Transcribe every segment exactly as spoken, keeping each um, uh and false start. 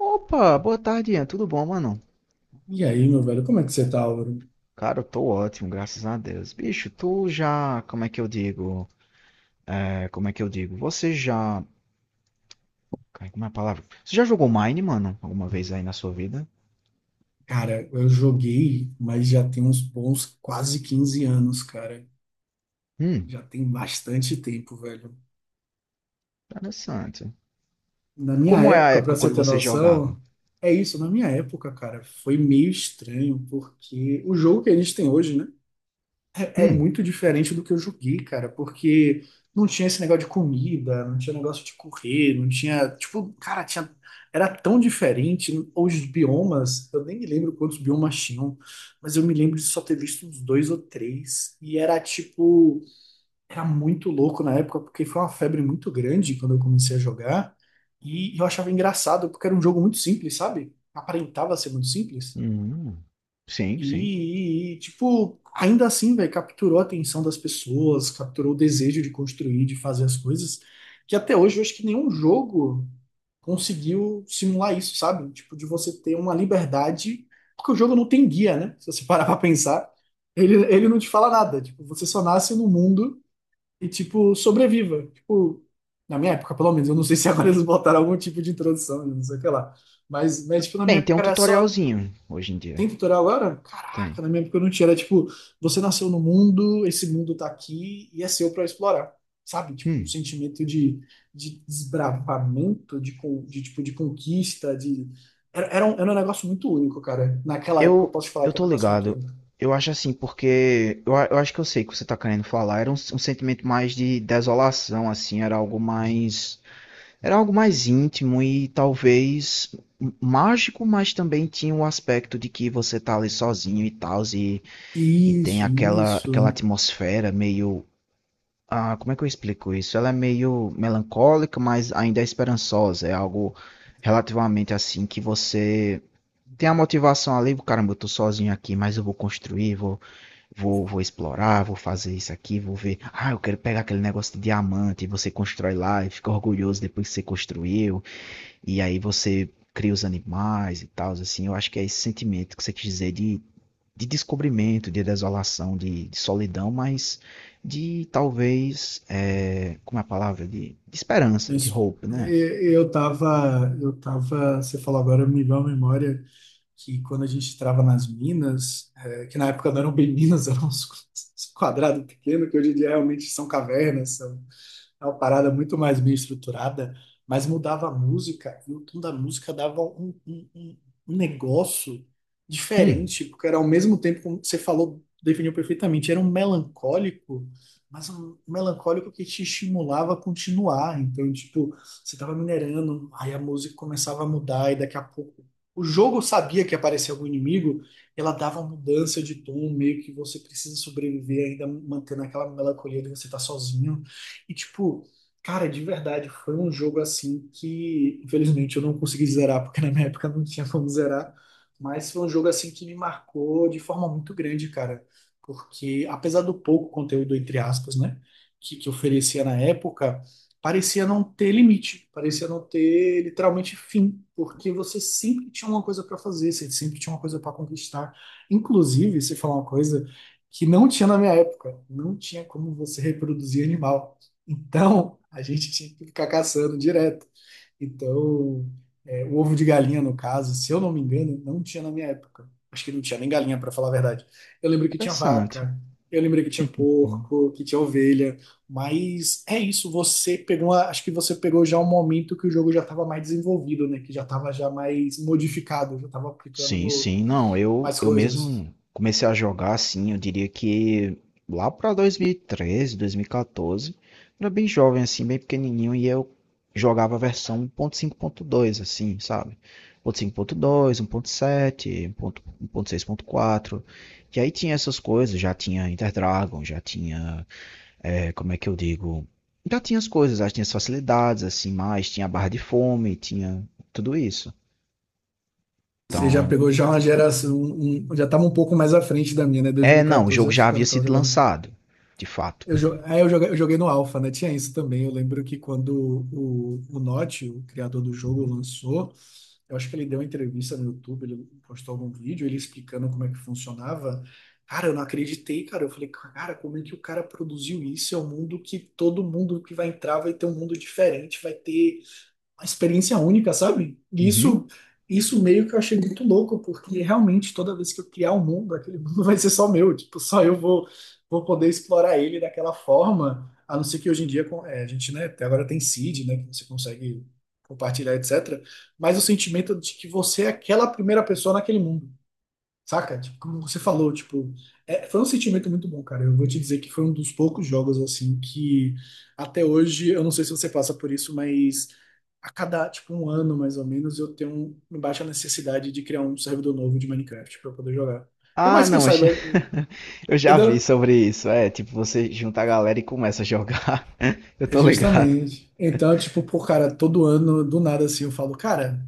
Opa, boa tarde, Ian. Tudo bom, mano? E aí, meu velho, como é que você tá, Auro? Cara, eu tô ótimo, graças a Deus. Bicho, tu já. Como é que eu digo? É, como é que eu digo? Você já. Cara, como é a palavra? Você já jogou Mine, mano? Alguma vez aí na sua vida? Cara, eu joguei, mas já tem uns bons quase quinze anos, cara. Hum, Já tem bastante tempo, velho. interessante. Na minha Como é a época, época pra você quando ter você jogava? noção, é isso, na minha época, cara, foi meio estranho, porque o jogo que a gente tem hoje, né? É é Hum, muito diferente do que eu joguei, cara, porque não tinha esse negócio de comida, não tinha negócio de correr, não tinha, tipo, cara, tinha, era tão diferente. Os biomas, eu nem me lembro quantos biomas tinham, mas eu me lembro de só ter visto uns dois ou três. E era tipo, era muito louco na época, porque foi uma febre muito grande quando eu comecei a jogar. E eu achava engraçado, porque era um jogo muito simples, sabe? Aparentava ser muito simples. hum. Sim, sim. E, e, tipo, ainda assim, velho, capturou a atenção das pessoas, capturou o desejo de construir, de fazer as coisas, que até hoje eu acho que nenhum jogo conseguiu simular isso, sabe? Tipo, de você ter uma liberdade, porque o jogo não tem guia, né? Se você parar pra pensar, ele, ele não te fala nada. Tipo, você só nasce no mundo e, tipo, sobreviva. Tipo, na minha época, pelo menos, eu não sei se agora eles botaram algum tipo de introdução, não sei o que lá. Mas, mas tipo, na minha Bem, tem época um era só. tutorialzinho hoje em dia. Tem tutorial agora? Tem. Caraca, na minha época eu não tinha. Era tipo, você nasceu no mundo, esse mundo tá aqui e é seu pra explorar. Sabe? Tipo, um Hum. sentimento de, de desbravamento, de, con- de, tipo, de conquista, de... Era, era um, era um negócio muito único, cara. Naquela época eu Eu, posso te falar eu que era tô um negócio muito ligado. único. Eu acho assim, porque eu, a- eu acho que eu sei o que você tá querendo falar. Era um, s- um sentimento mais de desolação, assim, era algo mais, era algo mais íntimo e talvez m- mágico, mas também tinha o aspecto de que você tá ali sozinho e tal, e, e tem Isso, aquela, aquela isso. atmosfera meio, ah, como é que eu explico isso? Ela é meio melancólica, mas ainda é esperançosa. É algo relativamente assim que você tem a motivação ali, caramba, eu tô sozinho aqui, mas eu vou construir, vou, vou, vou explorar, vou fazer isso aqui, vou ver. Ah, eu quero pegar aquele negócio de diamante, e você constrói lá e fica orgulhoso depois que você construiu, e aí você cria os animais e tal, assim. Eu acho que é esse sentimento que você quis dizer de, de descobrimento, de desolação, de, de solidão, mas de talvez, é, como é a palavra? De, de esperança, de Isso. hope, né? E- Eu tava, eu tava, você falou agora, me veio à memória que quando a gente trava nas minas, é, que na época não eram bem minas, eram uns quadrados pequenos, que hoje em dia realmente são cavernas, são é uma parada muito mais bem estruturada, mas mudava a música, e o tom da música dava um, um- um- um negócio Hum, diferente, porque era ao mesmo tempo, como você falou, definiu perfeitamente, era um melancólico, mas um melancólico que te estimulava a continuar. Então, tipo, você tava minerando, aí a música começava a mudar, e daqui a pouco o jogo sabia que aparecia algum inimigo, ela dava uma mudança de tom, meio que você precisa sobreviver ainda mantendo aquela melancolia de você estar sozinho. E, tipo, cara, de verdade, foi um jogo assim que, infelizmente, eu não consegui zerar, porque na minha época não tinha como zerar. Mas foi um jogo assim que me marcou de forma muito grande, cara. Porque, apesar do pouco conteúdo, entre aspas, né, que, que oferecia na época, parecia não ter limite, parecia não ter literalmente fim, porque você sempre tinha uma coisa para fazer, você sempre tinha uma coisa para conquistar. Inclusive, se falar uma coisa que não tinha na minha época, não tinha como você reproduzir animal. Então, a gente tinha que ficar caçando direto. Então, é, o ovo de galinha, no caso, se eu não me engano, não tinha na minha época. Acho que não tinha nem galinha, para falar a verdade. Eu lembro que tinha interessante. vaca, eu lembro que tinha porco, que tinha ovelha. Mas é isso, você pegou, uma- acho que você pegou já um momento que o jogo já estava mais desenvolvido, né? Que já estava já mais modificado, já estava Sim, aplicando sim. Não, eu, mais eu coisas. mesmo comecei a jogar assim, eu diria que lá para dois mil e treze, dois mil e quatorze, era bem jovem assim, bem pequenininho e eu jogava a versão um ponto cinco ponto dois assim, sabe? um ponto cinco ponto dois, um ponto sete, um ponto seis.4. E aí tinha essas coisas, já tinha Interdragon, já tinha, é, como é que eu digo? Já tinha as coisas, já tinha as facilidades assim, mais tinha a barra de fome, tinha tudo isso. Você já Então, pegou já uma geração, um- já estava um pouco mais à frente da minha, né? é, não, o dois mil e quatorze, jogo acho já que eu não havia estava sido jogando. lançado, de fato. Eu, jo- é, eu joguei, eu joguei no Alpha, né? Tinha isso também. Eu lembro que quando o, o Notch, o criador do jogo, Uhum. lançou, eu acho que ele deu uma entrevista no YouTube, ele postou algum vídeo, ele explicando como é que funcionava. Cara, eu não acreditei, cara. Eu falei, cara, como é que o cara produziu isso? É um mundo que todo mundo que vai entrar vai ter um mundo diferente, vai ter uma experiência única, sabe? E isso, Uhum. isso meio que eu achei muito louco, porque realmente toda vez que eu criar um mundo, aquele mundo vai ser só meu, tipo, só eu vou, vou poder explorar ele daquela forma, a não ser que hoje em dia com- é, a gente, né, até agora tem seed, né, que você consegue compartilhar, et cetera. Mas o sentimento de que você é aquela primeira pessoa naquele mundo. Saca? Tipo, como você falou, tipo, é, foi um sentimento muito bom, cara. Eu vou te dizer que foi um dos poucos jogos assim que até hoje, eu não sei se você passa por isso, mas a cada tipo um ano mais ou menos eu tenho um- uma baixa necessidade de criar um servidor novo de Minecraft para poder jogar. Por Ah, mais que eu não, eu saiba, já, eu já vi entendeu? sobre isso. É, tipo, você junta a galera e começa a jogar. Eu É tô ligado. justamente. Então, tipo, pô, cara, todo ano, do nada assim, eu falo, cara,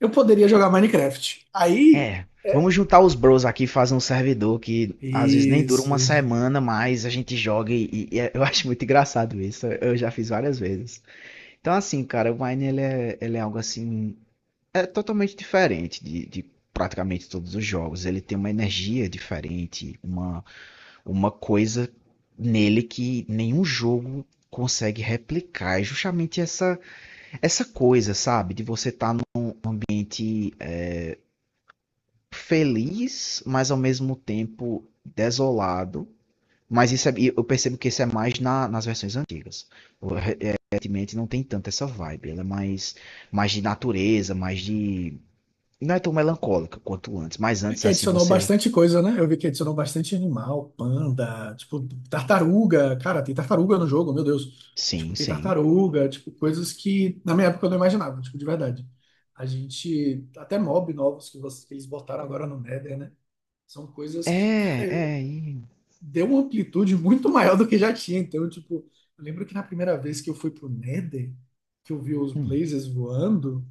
eu poderia jogar Minecraft. Aí, É, vamos é, juntar os bros aqui e fazer um servidor que às vezes nem dura isso. uma semana, mas a gente joga e, e é- eu acho muito engraçado isso. Eu já fiz várias vezes. Então, assim, cara, o Mine ele é, ele é algo assim, é totalmente diferente de, de praticamente todos os jogos. Ele tem uma energia diferente, uma uma coisa nele que nenhum jogo consegue replicar. É justamente essa, essa coisa, sabe? De você estar feliz, mas ao mesmo tempo desolado. Mas isso é- eu percebo que isso é mais na- nas versões antigas. O- é, Recentemente não tem tanto essa vibe. Ela é mais, mais de natureza, mais de. Não é tão melancólica quanto antes. Mas É antes, que assim, adicionou você. bastante coisa, né? Eu vi que adicionou bastante animal, panda, tipo, tartaruga. Cara, tem tartaruga no jogo, meu Deus. Sim, Tipo, tem sim. tartaruga, tipo, coisas que na minha época eu não imaginava, tipo, de verdade. A gente, até mob novos que vocês que eles botaram agora no Nether, né? São coisas que, É, cara, é. e- deu uma amplitude muito maior do que já tinha. Então, tipo, eu lembro que na primeira vez que eu fui pro Nether, que eu vi os hum. blazers voando,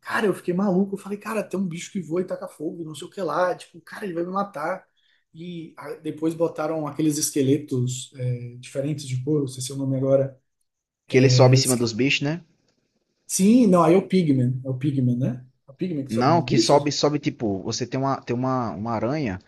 cara, eu fiquei maluco. Eu falei, cara, tem um bicho que voa e taca fogo, não sei o que lá. Tipo, cara, ele vai me matar. E ah, depois botaram aqueles esqueletos é, diferentes de couro, não sei se é o nome agora. Que ele sobe É, em os cima que- dos bichos, né? Sim, não, aí é o Pigman. É o Pigman, né? É o Pigman que sobe Não, nos que sobe, bichos? sobe tipo, você tem uma, tem uma, uma aranha,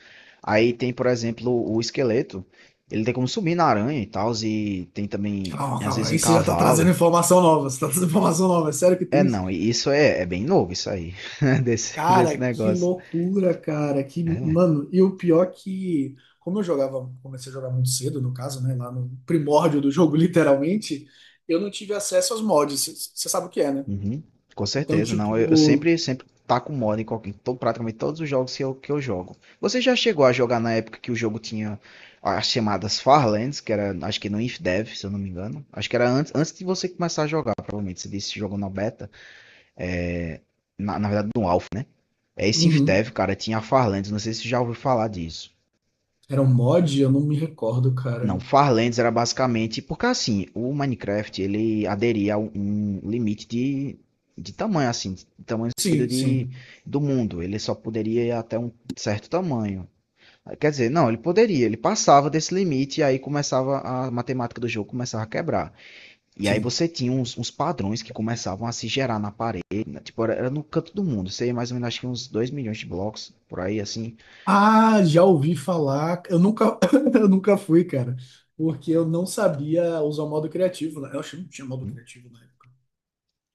aí tem, por exemplo, o esqueleto, ele tem como subir na aranha e tal, e tem também, Calma, às calma, vezes, em aí você já tá cavalo. trazendo informação nova. Você tá trazendo informação nova. É sério que É, tem isso? não, e isso é, é bem novo, isso aí, desse, desse Cara, que negócio. loucura, cara. Que, É. mano, e o pior que, como eu jogava, comecei a jogar muito cedo, no caso, né? Lá no primórdio do jogo, literalmente, eu não tive acesso aos mods. Você sabe o que é, né? Uhum. Com Então, certeza, não. Eu, eu tipo, sempre, sempre taco moda em qualquer, em to- praticamente todos os jogos que eu, que eu jogo. Você já chegou a jogar na época que o jogo tinha as chamadas Farlands, que era, acho que no InfDev, se eu não me engano. Acho que era antes, antes de você começar a jogar, provavelmente. Você disse que jogou na beta, na, na verdade no Alpha, né? É esse uhum, InfDev, cara, tinha a Farlands, não sei se você já ouviu falar disso. era um mod? Eu não me recordo, cara. Não, Farlands era basicamente, porque assim, o Minecraft, ele aderia a um um limite de, de tamanho, assim, de tamanho Sim, sim, do mundo. Ele só poderia ir até um certo tamanho. Quer dizer, não, ele poderia, ele passava desse limite e aí começava a matemática do jogo começava a quebrar. E aí sim. você tinha uns, uns padrões que começavam a se gerar na parede, né? Tipo, era, no canto do mundo, sei mais ou menos, acho que uns dois milhões de blocos, por aí assim. Ah, já ouvi falar. Eu nunca, eu nunca fui, cara. Porque eu não sabia usar o modo criativo. Né? Eu acho que não tinha modo criativo na época.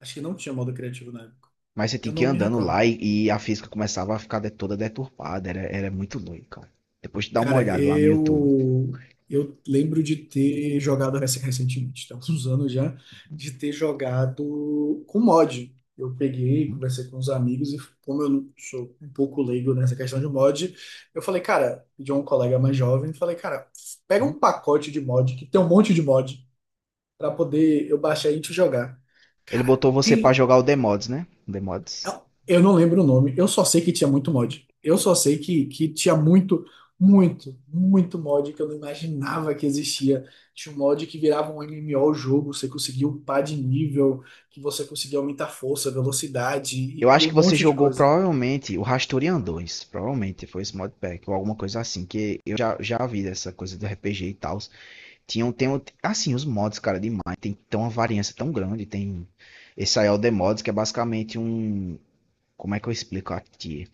Acho que não tinha modo criativo na época. Mas você Eu tinha que não ir me andando recordo. lá e, e a física começava a ficar de- toda deturpada, era, era muito doido, cara. Depois de dar uma Cara, olhada lá no YouTube. eu eu lembro de ter jogado rec- recentemente, tá? Uns anos já, de ter jogado com mod. Eu peguei, conversei com os amigos e como eu não sou um pouco leigo nessa questão de mod, eu falei, cara, de um colega mais jovem, falei, cara, pega um pacote de mod que tem um monte de mod pra poder eu baixar e a gente jogar. Ele Cara, botou você pra tem, jogar o The Mods, né? The Mods. eu não lembro o nome, eu só sei que tinha muito mod. Eu só sei que, que tinha muito, muito, muito mod que eu não imaginava que existia. Tinha um mod que virava um MMO o o jogo, você conseguia upar de nível, que você conseguia aumentar força, velocidade Eu e, e acho um que você monte de jogou coisa. provavelmente o Rastorian dois. Provavelmente foi esse modpack ou alguma coisa assim. Que eu já, já vi dessa coisa do R P G e tal. Tinham, tem, um- assim, os mods, cara, demais. Tem, tem uma variância tão grande. Tem esse aí é o The Mods, que é basicamente um. Como é que eu explico aqui?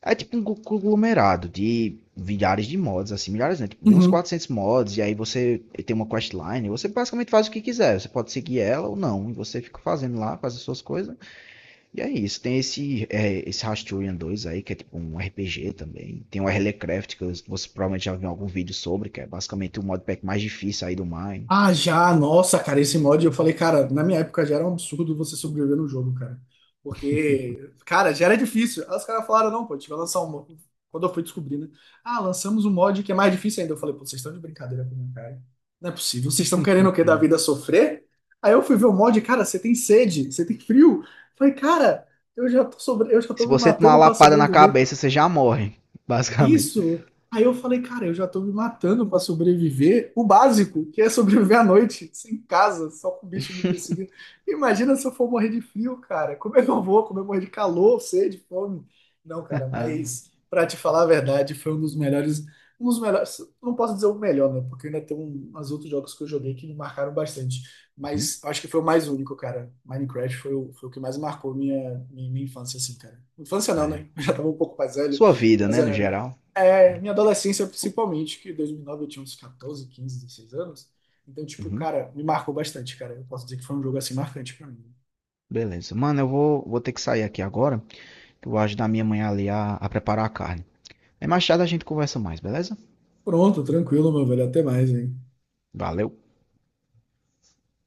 É tipo um conglomerado de milhares de mods, assim, milhares, né? Tipo, de uns quatrocentos mods, e aí você tem uma questline, e você basicamente faz o que quiser. Você pode seguir ela ou não, e você fica fazendo lá, faz as suas coisas. E é isso, tem esse, é, esse Rasturian dois aí, que é tipo um R P G também. Tem o Herlecraft, que eu- você provavelmente já viu em algum vídeo sobre, que é basicamente o modpack mais difícil aí do Mine. Ah, já, nossa, cara, esse mod eu falei, cara, na minha época já era um absurdo você sobreviver no jogo, cara. Porque, cara, já era difícil. Aí os caras falaram, não, pô, a gente vai lançar um. mo- Quando eu fui descobrir, né? Ah, lançamos um mod que é mais difícil ainda. Eu falei, pô, vocês estão de brincadeira com minha cara. Não é possível, vocês estão querendo o quê da vida sofrer? Aí eu fui ver o mod, cara, você tem sede, você tem frio. Eu falei, cara, eu já tô sobre... eu já Se tô me você tomar uma matando pra lapada na sobreviver. cabeça, você já morre, basicamente. Isso. Aí eu falei, cara, eu já tô me matando pra sobreviver. O básico, que é sobreviver à noite, sem casa, só com o bicho me perseguindo. Imagina se eu for morrer de frio, cara. Como é que eu vou? Como é que eu morrer de calor, sede, fome? Não, cara, mas pra te falar a verdade, foi um dos melhores, um dos melhores, não posso dizer o melhor, né? Porque ainda tem um- uns outros jogos que eu joguei que me marcaram bastante. Uhum, Mas acho que foi o mais único, cara. Minecraft foi o, foi o que mais marcou minha, minha, minha infância, assim, cara. Infância não, é. né? Eu já tava um pouco mais velho. Sua vida, Mas né, no é, né, geral. é, minha adolescência, principalmente, que em dois mil e nove eu tinha uns quatorze, quinze, dezesseis anos. Então, tipo, Uhum, cara, me marcou bastante, cara. Eu posso dizer que foi um jogo assim marcante pra mim. beleza. Mano, eu vou, vou ter que sair aqui agora, que eu vou ajudar minha mãe ali a, a preparar a carne. Aí mais tarde a gente conversa mais, beleza? Pronto, tranquilo, meu velho. Até mais, hein. Valeu.